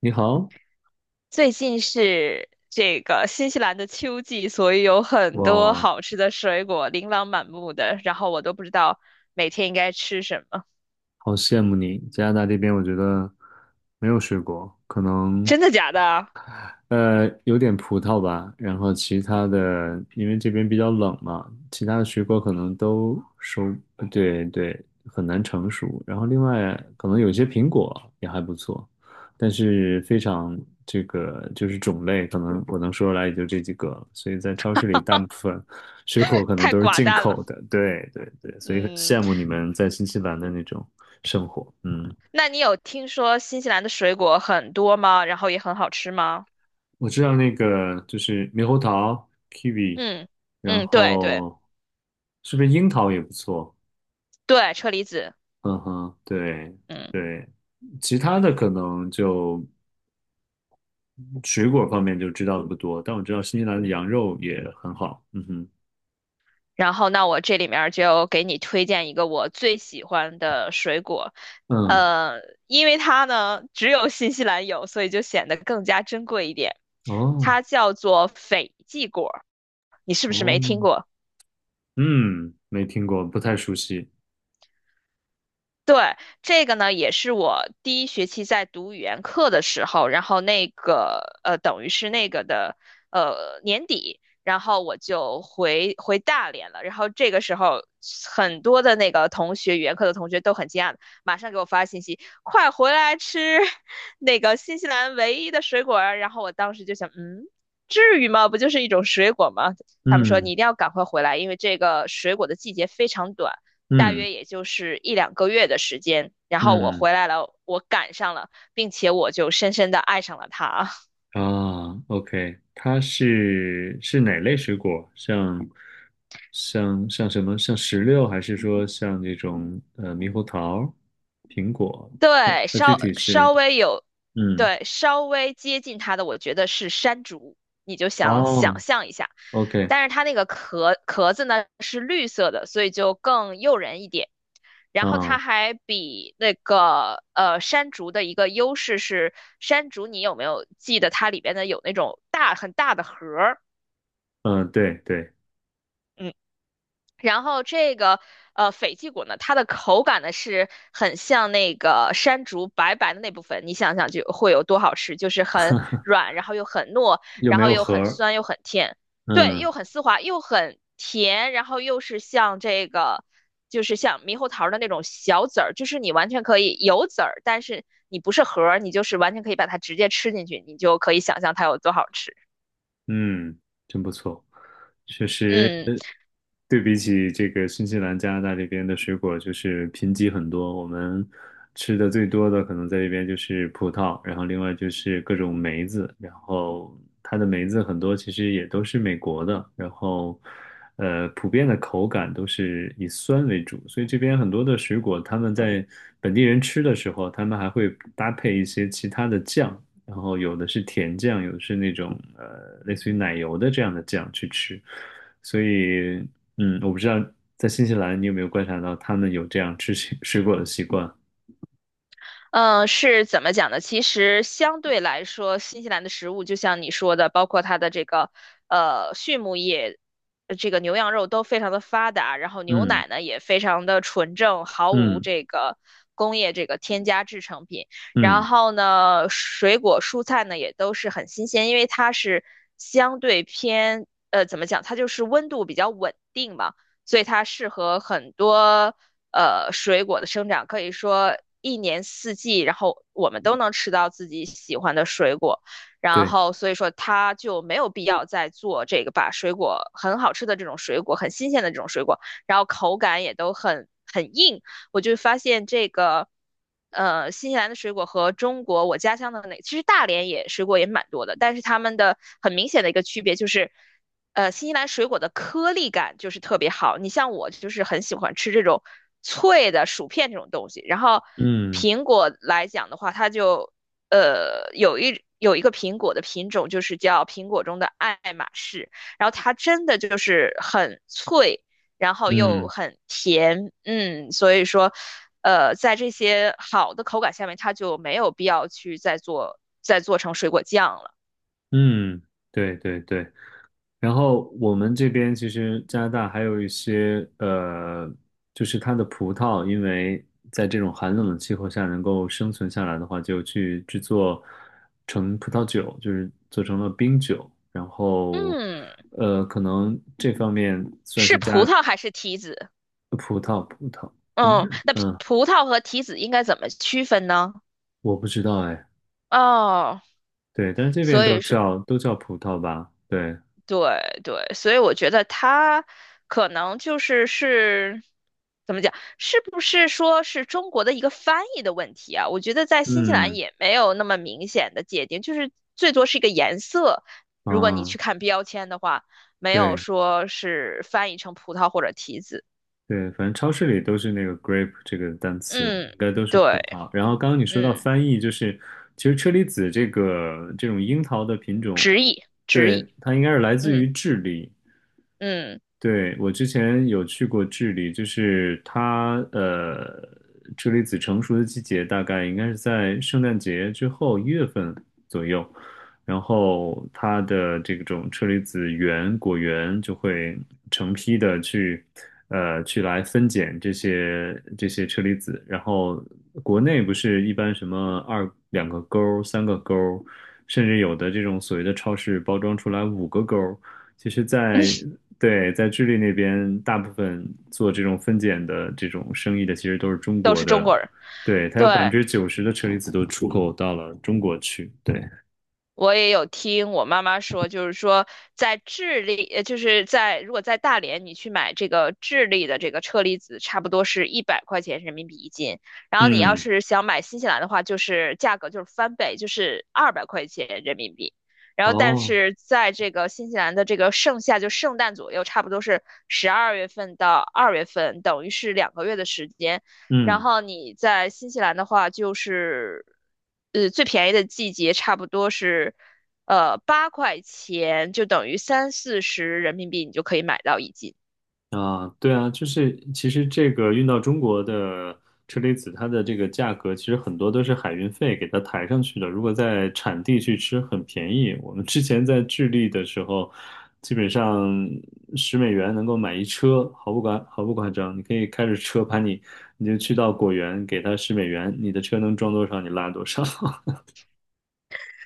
你好。最近是这个新西兰的秋季，所以有很多哇，好吃的水果，琳琅满目的，然后我都不知道每天应该吃什么。好羡慕你！加拿大这边我觉得没有水果，可能真的假的啊。有点葡萄吧。然后其他的，因为这边比较冷嘛，其他的水果可能都收，呃对对，很难成熟。然后另外可能有些苹果也还不错，但是非常种类，可能我能说出来也就这几个了，所以在超市里，大部分水果可能太都是寡进淡口了。的。对对对，所以很嗯。羡慕你们在新西兰的那种生活。嗯。那你有听说新西兰的水果很多吗？然后也很好吃吗？我知道那个就是猕猴桃 kiwi，嗯然嗯，对对后是不是樱桃也不错？对，车厘子。嗯哼，对嗯。对，其他的可能水果方面就知道的不多，但我知道新西兰的羊肉也很好。嗯哼，然后，那我这里面儿就给你推荐一个我最喜欢的水果，嗯，呃，因为它呢只有新西兰有，所以就显得更加珍贵一点。哦它叫做斐济果，你是不是哦，没听过？嗯，没听过，不太熟悉。对。这个呢，也是我第一学期在读语言课的时候，然后那个等于是那个的年底，然后我就回大连了。然后这个时候，很多的那个同学，语言课的同学都很惊讶，马上给我发信息，快回来吃 那个新西兰唯一的水果儿。然后我当时就想，嗯，至于吗？不就是一种水果吗？他们说嗯你一定要赶快回来，因为这个水果的季节非常短。大嗯约也就是一两个月的时间，然后我嗯。回来了，我赶上了，并且我就深深的爱上了他。啊，OK，它是哪类水果？像什么？像石榴，还是说像这种猕猴桃、苹果？它对，它具稍体是稍微有，嗯，对，稍微接近他的，我觉得是山竹，你就想哦想象一下，，OK 但是它那个壳壳子呢是绿色的，所以就更诱人一点。然后它啊。还比那个山竹的一个优势是，山竹你有没有记得它里边的有那种很大的核儿？嗯对对。然后这个斐济果呢，它的口感呢是很像那个山竹白白的那部分，你想想就会有多好吃，就是很 软，然后又很糯，又然没后有又核很儿，酸又很甜，对，嗯又很丝滑又很甜，然后又是像这个就是像猕猴桃的那种小籽儿，就是你完全可以有籽儿，但是你不是核儿，你就是完全可以把它直接吃进去，你就可以想象它有多好吃。嗯，真不错，确实。嗯。对比起这个新西兰、加拿大这边的水果，就是贫瘠很多。我们吃的最多的可能在这边就是葡萄，然后另外就是各种梅子，然后它的梅子很多其实也都是美国的，然后普遍的口感都是以酸为主，所以这边很多的水果，他们在本地人吃的时候，他们还会搭配一些其他的酱，然后有的是甜酱，有的是那种类似于奶油的这样的酱去吃。所以，嗯，我不知道在新西兰你有没有观察到他们有这样吃水果的习惯？嗯，是怎么讲呢？其实相对来说，新西兰的食物就像你说的，包括它的这个畜牧业，这个牛羊肉都非常的发达，然后牛嗯奶呢也非常的纯正，毫无嗯这个工业这个添加制成品。然嗯，后呢，水果蔬菜呢也都是很新鲜，因为它是相对偏怎么讲，它就是温度比较稳定嘛。所以它适合很多水果的生长，可以说一年四季，然后我们都能吃到自己喜欢的水果，然对，后所以说它就没有必要再做这个把水果很好吃的这种水果，很新鲜的这种水果，然后口感也都很硬，我就发现这个。新西兰的水果和中国我家乡的那，其实大连也水果也蛮多的，但是他们的很明显的一个区别就是，新西兰水果的颗粒感就是特别好。你像我就是很喜欢吃这种脆的薯片这种东西。然后嗯苹果来讲的话，它就有一个苹果的品种，就是叫苹果中的爱马仕。然后它真的就是很脆，然后又嗯很甜，嗯，所以说在这些好的口感下面，它就没有必要去再做成水果酱了。嗯，对对对。然后我们这边其实加拿大还有一些就是它的葡萄，因为在这种寒冷的气候下能够生存下来的话，就去制作成葡萄酒，就是做成了冰酒。然后嗯，可能这方面算是是葡加。萄还是提子？葡葡萄，应该嗯，那嗯，葡萄和提子应该怎么区分呢？我不知道哎。哦，对，但是这边所以是，都叫葡萄吧，对，对对，所以我觉得它可能就是怎么讲，是不是说是中国的一个翻译的问题啊？我觉得在新西兰嗯也没有那么明显的界定，就是最多是一个颜色。如果你啊，去看标签的话，没有对。说是翻译成葡萄或者提子。对，反正超市里都是那个 grape 这个单词，应嗯，该都是对，葡萄。然后刚刚你说到嗯，翻译，就是其实车厘子这个这种樱桃的品种，直译，直对，译，它应该是来自嗯于智利。嗯。对，我之前有去过智利。就是它车厘子成熟的季节大概应该是在圣诞节之后1月份左右，然后它的这种车厘子园果园就会成批的去去来分拣这些车厘子。然后国内不是一般什么二两个钩儿三个钩儿，甚至有的这种所谓的超市包装出来五个钩儿，其实在，对，在智利那边，大部分做这种分拣的这种生意的，其实都是中都国是中的。国人。对，它有百分对，之九十的车厘子都出口到了中国去。对，我也有听我妈妈说，就是说在智利，就是在如果在大连你去买这个智利的这个车厘子，差不多是100块钱人民币一斤。然后你要嗯，是想买新西兰的话，就是价格就是翻倍，就是200块钱人民币。然后，但哦，是在这个新西兰的这个盛夏，就圣诞左右，差不多是12月份到二月份，等于是两个月的时间。然嗯。后你在新西兰的话，就是最便宜的季节差不多是8块钱，就等于三四十人民币，你就可以买到一斤。啊，对啊，就是其实这个运到中国的车厘子，它的这个价格其实很多都是海运费给它抬上去的。如果在产地去吃，很便宜。我们之前在智利的时候，基本上十美元能够买一车，毫不夸张。你可以开着车把你，你就去到果园，给他十美元，你的车能装多少，你拉多少。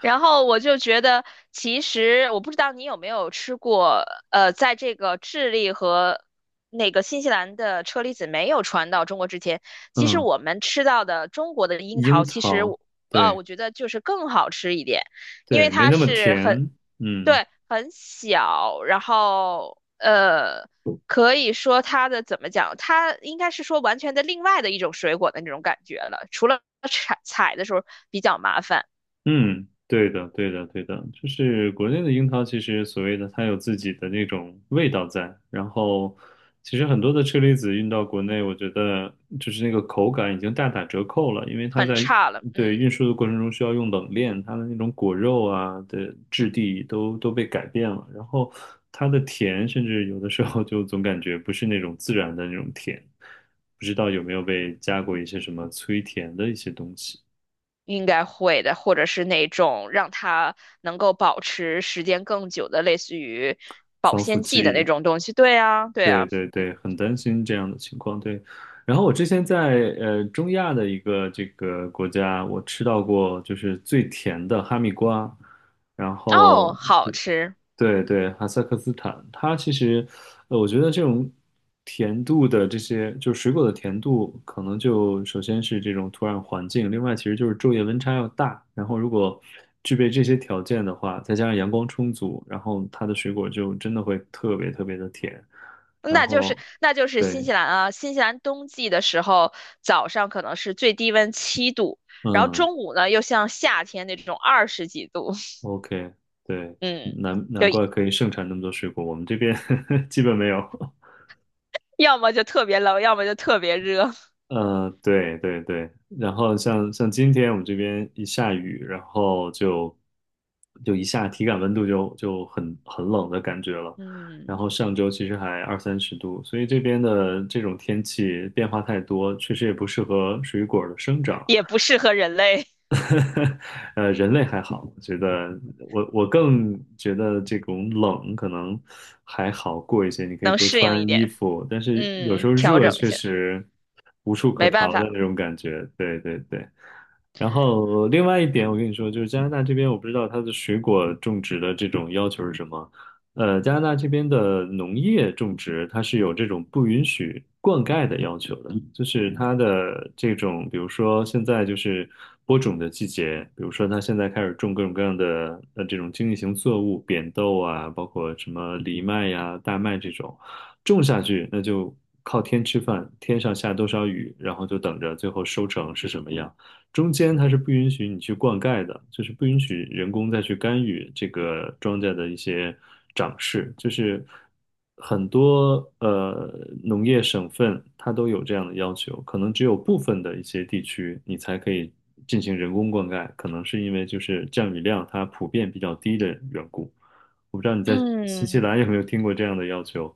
然后我就觉得，其实我不知道你有没有吃过，在这个智利和那个新西兰的车厘子没有传到中国之前，其实嗯，我们吃到的中国的樱樱桃，其实桃，我对我觉得就是更好吃一点，因对，为没它那么是很甜。嗯。对，很小，然后可以说它的怎么讲，它应该是说完全的另外的一种水果的那种感觉了，除了采采的时候比较麻烦，嗯，对的，对的，对的，就是国内的樱桃，其实所谓的它有自己的那种味道在，然后其实很多的车厘子运到国内，我觉得就是那个口感已经大打折扣了，因为它很在差了，对嗯，运输的过程中需要用冷链，它的那种果肉啊的质地都被改变了，然后它的甜，甚至有的时候就总感觉不是那种自然的那种甜，不知道有没有被加过一些什么催甜的一些东西。应该会的，或者是那种让它能够保持时间更久的，类似于保防腐鲜剂的那剂，种东西，对啊，对对啊，对对，嗯，很担心这样的情况。对，然后我之前在中亚的一个这个国家，我吃到过就是最甜的哈密瓜。然后哦，好对吃。对对，哈萨克斯坦。它其实我觉得这种甜度的这些就是水果的甜度，可能就首先是这种土壤环境，另外其实就是昼夜温差要大，然后如果具备这些条件的话，再加上阳光充足，然后它的水果就真的会特别特别的甜。然那就是后那就是新对，西兰啊，新西兰冬季的时候，早上可能是最低温7度，然后嗯中午呢又像夏天那种二十几度，，OK，对，嗯 嗯，难就难怪可以盛产那么多水果，我们这边 基本没有。要么就特别冷，要么就特别热，对对对，然后像今天我们这边一下雨，然后就一下体感温度就很冷的感觉了。然嗯，后上周其实还20 30度，所以这边的这种天气变化太多，确实也不适合水果的生长。也不适合人类 人类还好，我觉得我更觉得这种冷可能还好过一些，你可以能多适应一穿衣点，服，但是有时嗯，候调热整一确下，实无处可没办逃的法，那种感觉。对对对。然后另外一点，我跟你说，就是加拿大这边，我不知道它的水果种植的这种要求是什么。加拿大这边的农业种植，它是有这种不允许灌溉的要求的。就是它的这种，比如说现在就是播种的季节，比如说它现在开始种各种各样的这种经济型作物，扁豆啊，包括什么藜麦呀、大麦这种，种下去那就靠天吃饭，天上下多少雨，然后就等着最后收成是什么样。中间它是不允许你去灌溉的，就是不允许人工再去干预这个庄稼的一些长势。就是很多农业省份它都有这样的要求，可能只有部分的一些地区你才可以进行人工灌溉，可能是因为就是降雨量它普遍比较低的缘故。我不知道你在新西嗯。兰有没有听过这样的要求？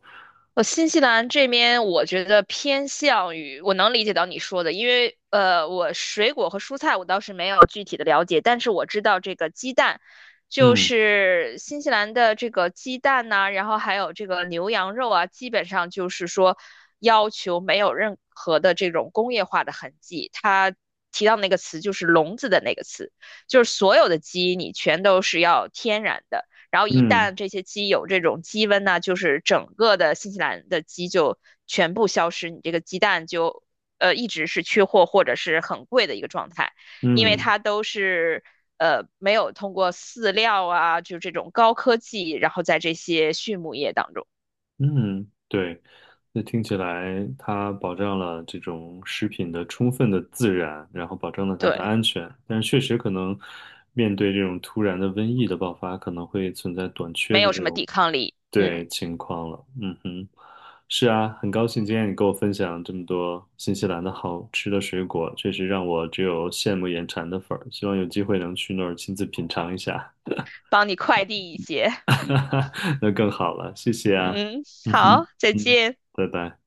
我新西兰这边，我觉得偏向于我能理解到你说的，因为我水果和蔬菜我倒是没有具体的了解，但是我知道这个鸡蛋，就嗯是新西兰的这个鸡蛋呐、然后还有这个牛羊肉啊，基本上就是说要求没有任何的这种工业化的痕迹。它提到那个词就是"笼子"的那个词，就是所有的鸡你全都是要天然的。然后一嗯旦这些鸡有这种鸡瘟呢，就是整个的新西兰的鸡就全部消失，你这个鸡蛋就一直是缺货或者是很贵的一个状态，因为嗯。它都是没有通过饲料啊，就这种高科技，然后在这些畜牧业当中，嗯，对，那听起来它保障了这种食品的充分的自然，然后保证了它的对，安全，但是确实可能面对这种突然的瘟疫的爆发，可能会存在短缺没的有这什么种抵抗力，嗯，对情况了。嗯哼，是啊，很高兴今天你跟我分享这么多新西兰的好吃的水果，确实让我只有羡慕眼馋的份儿，希望有机会能去那儿亲自品尝一下。帮你快递一些，那更好了，谢谢啊。嗯，嗯哼，好，再嗯，见。拜拜。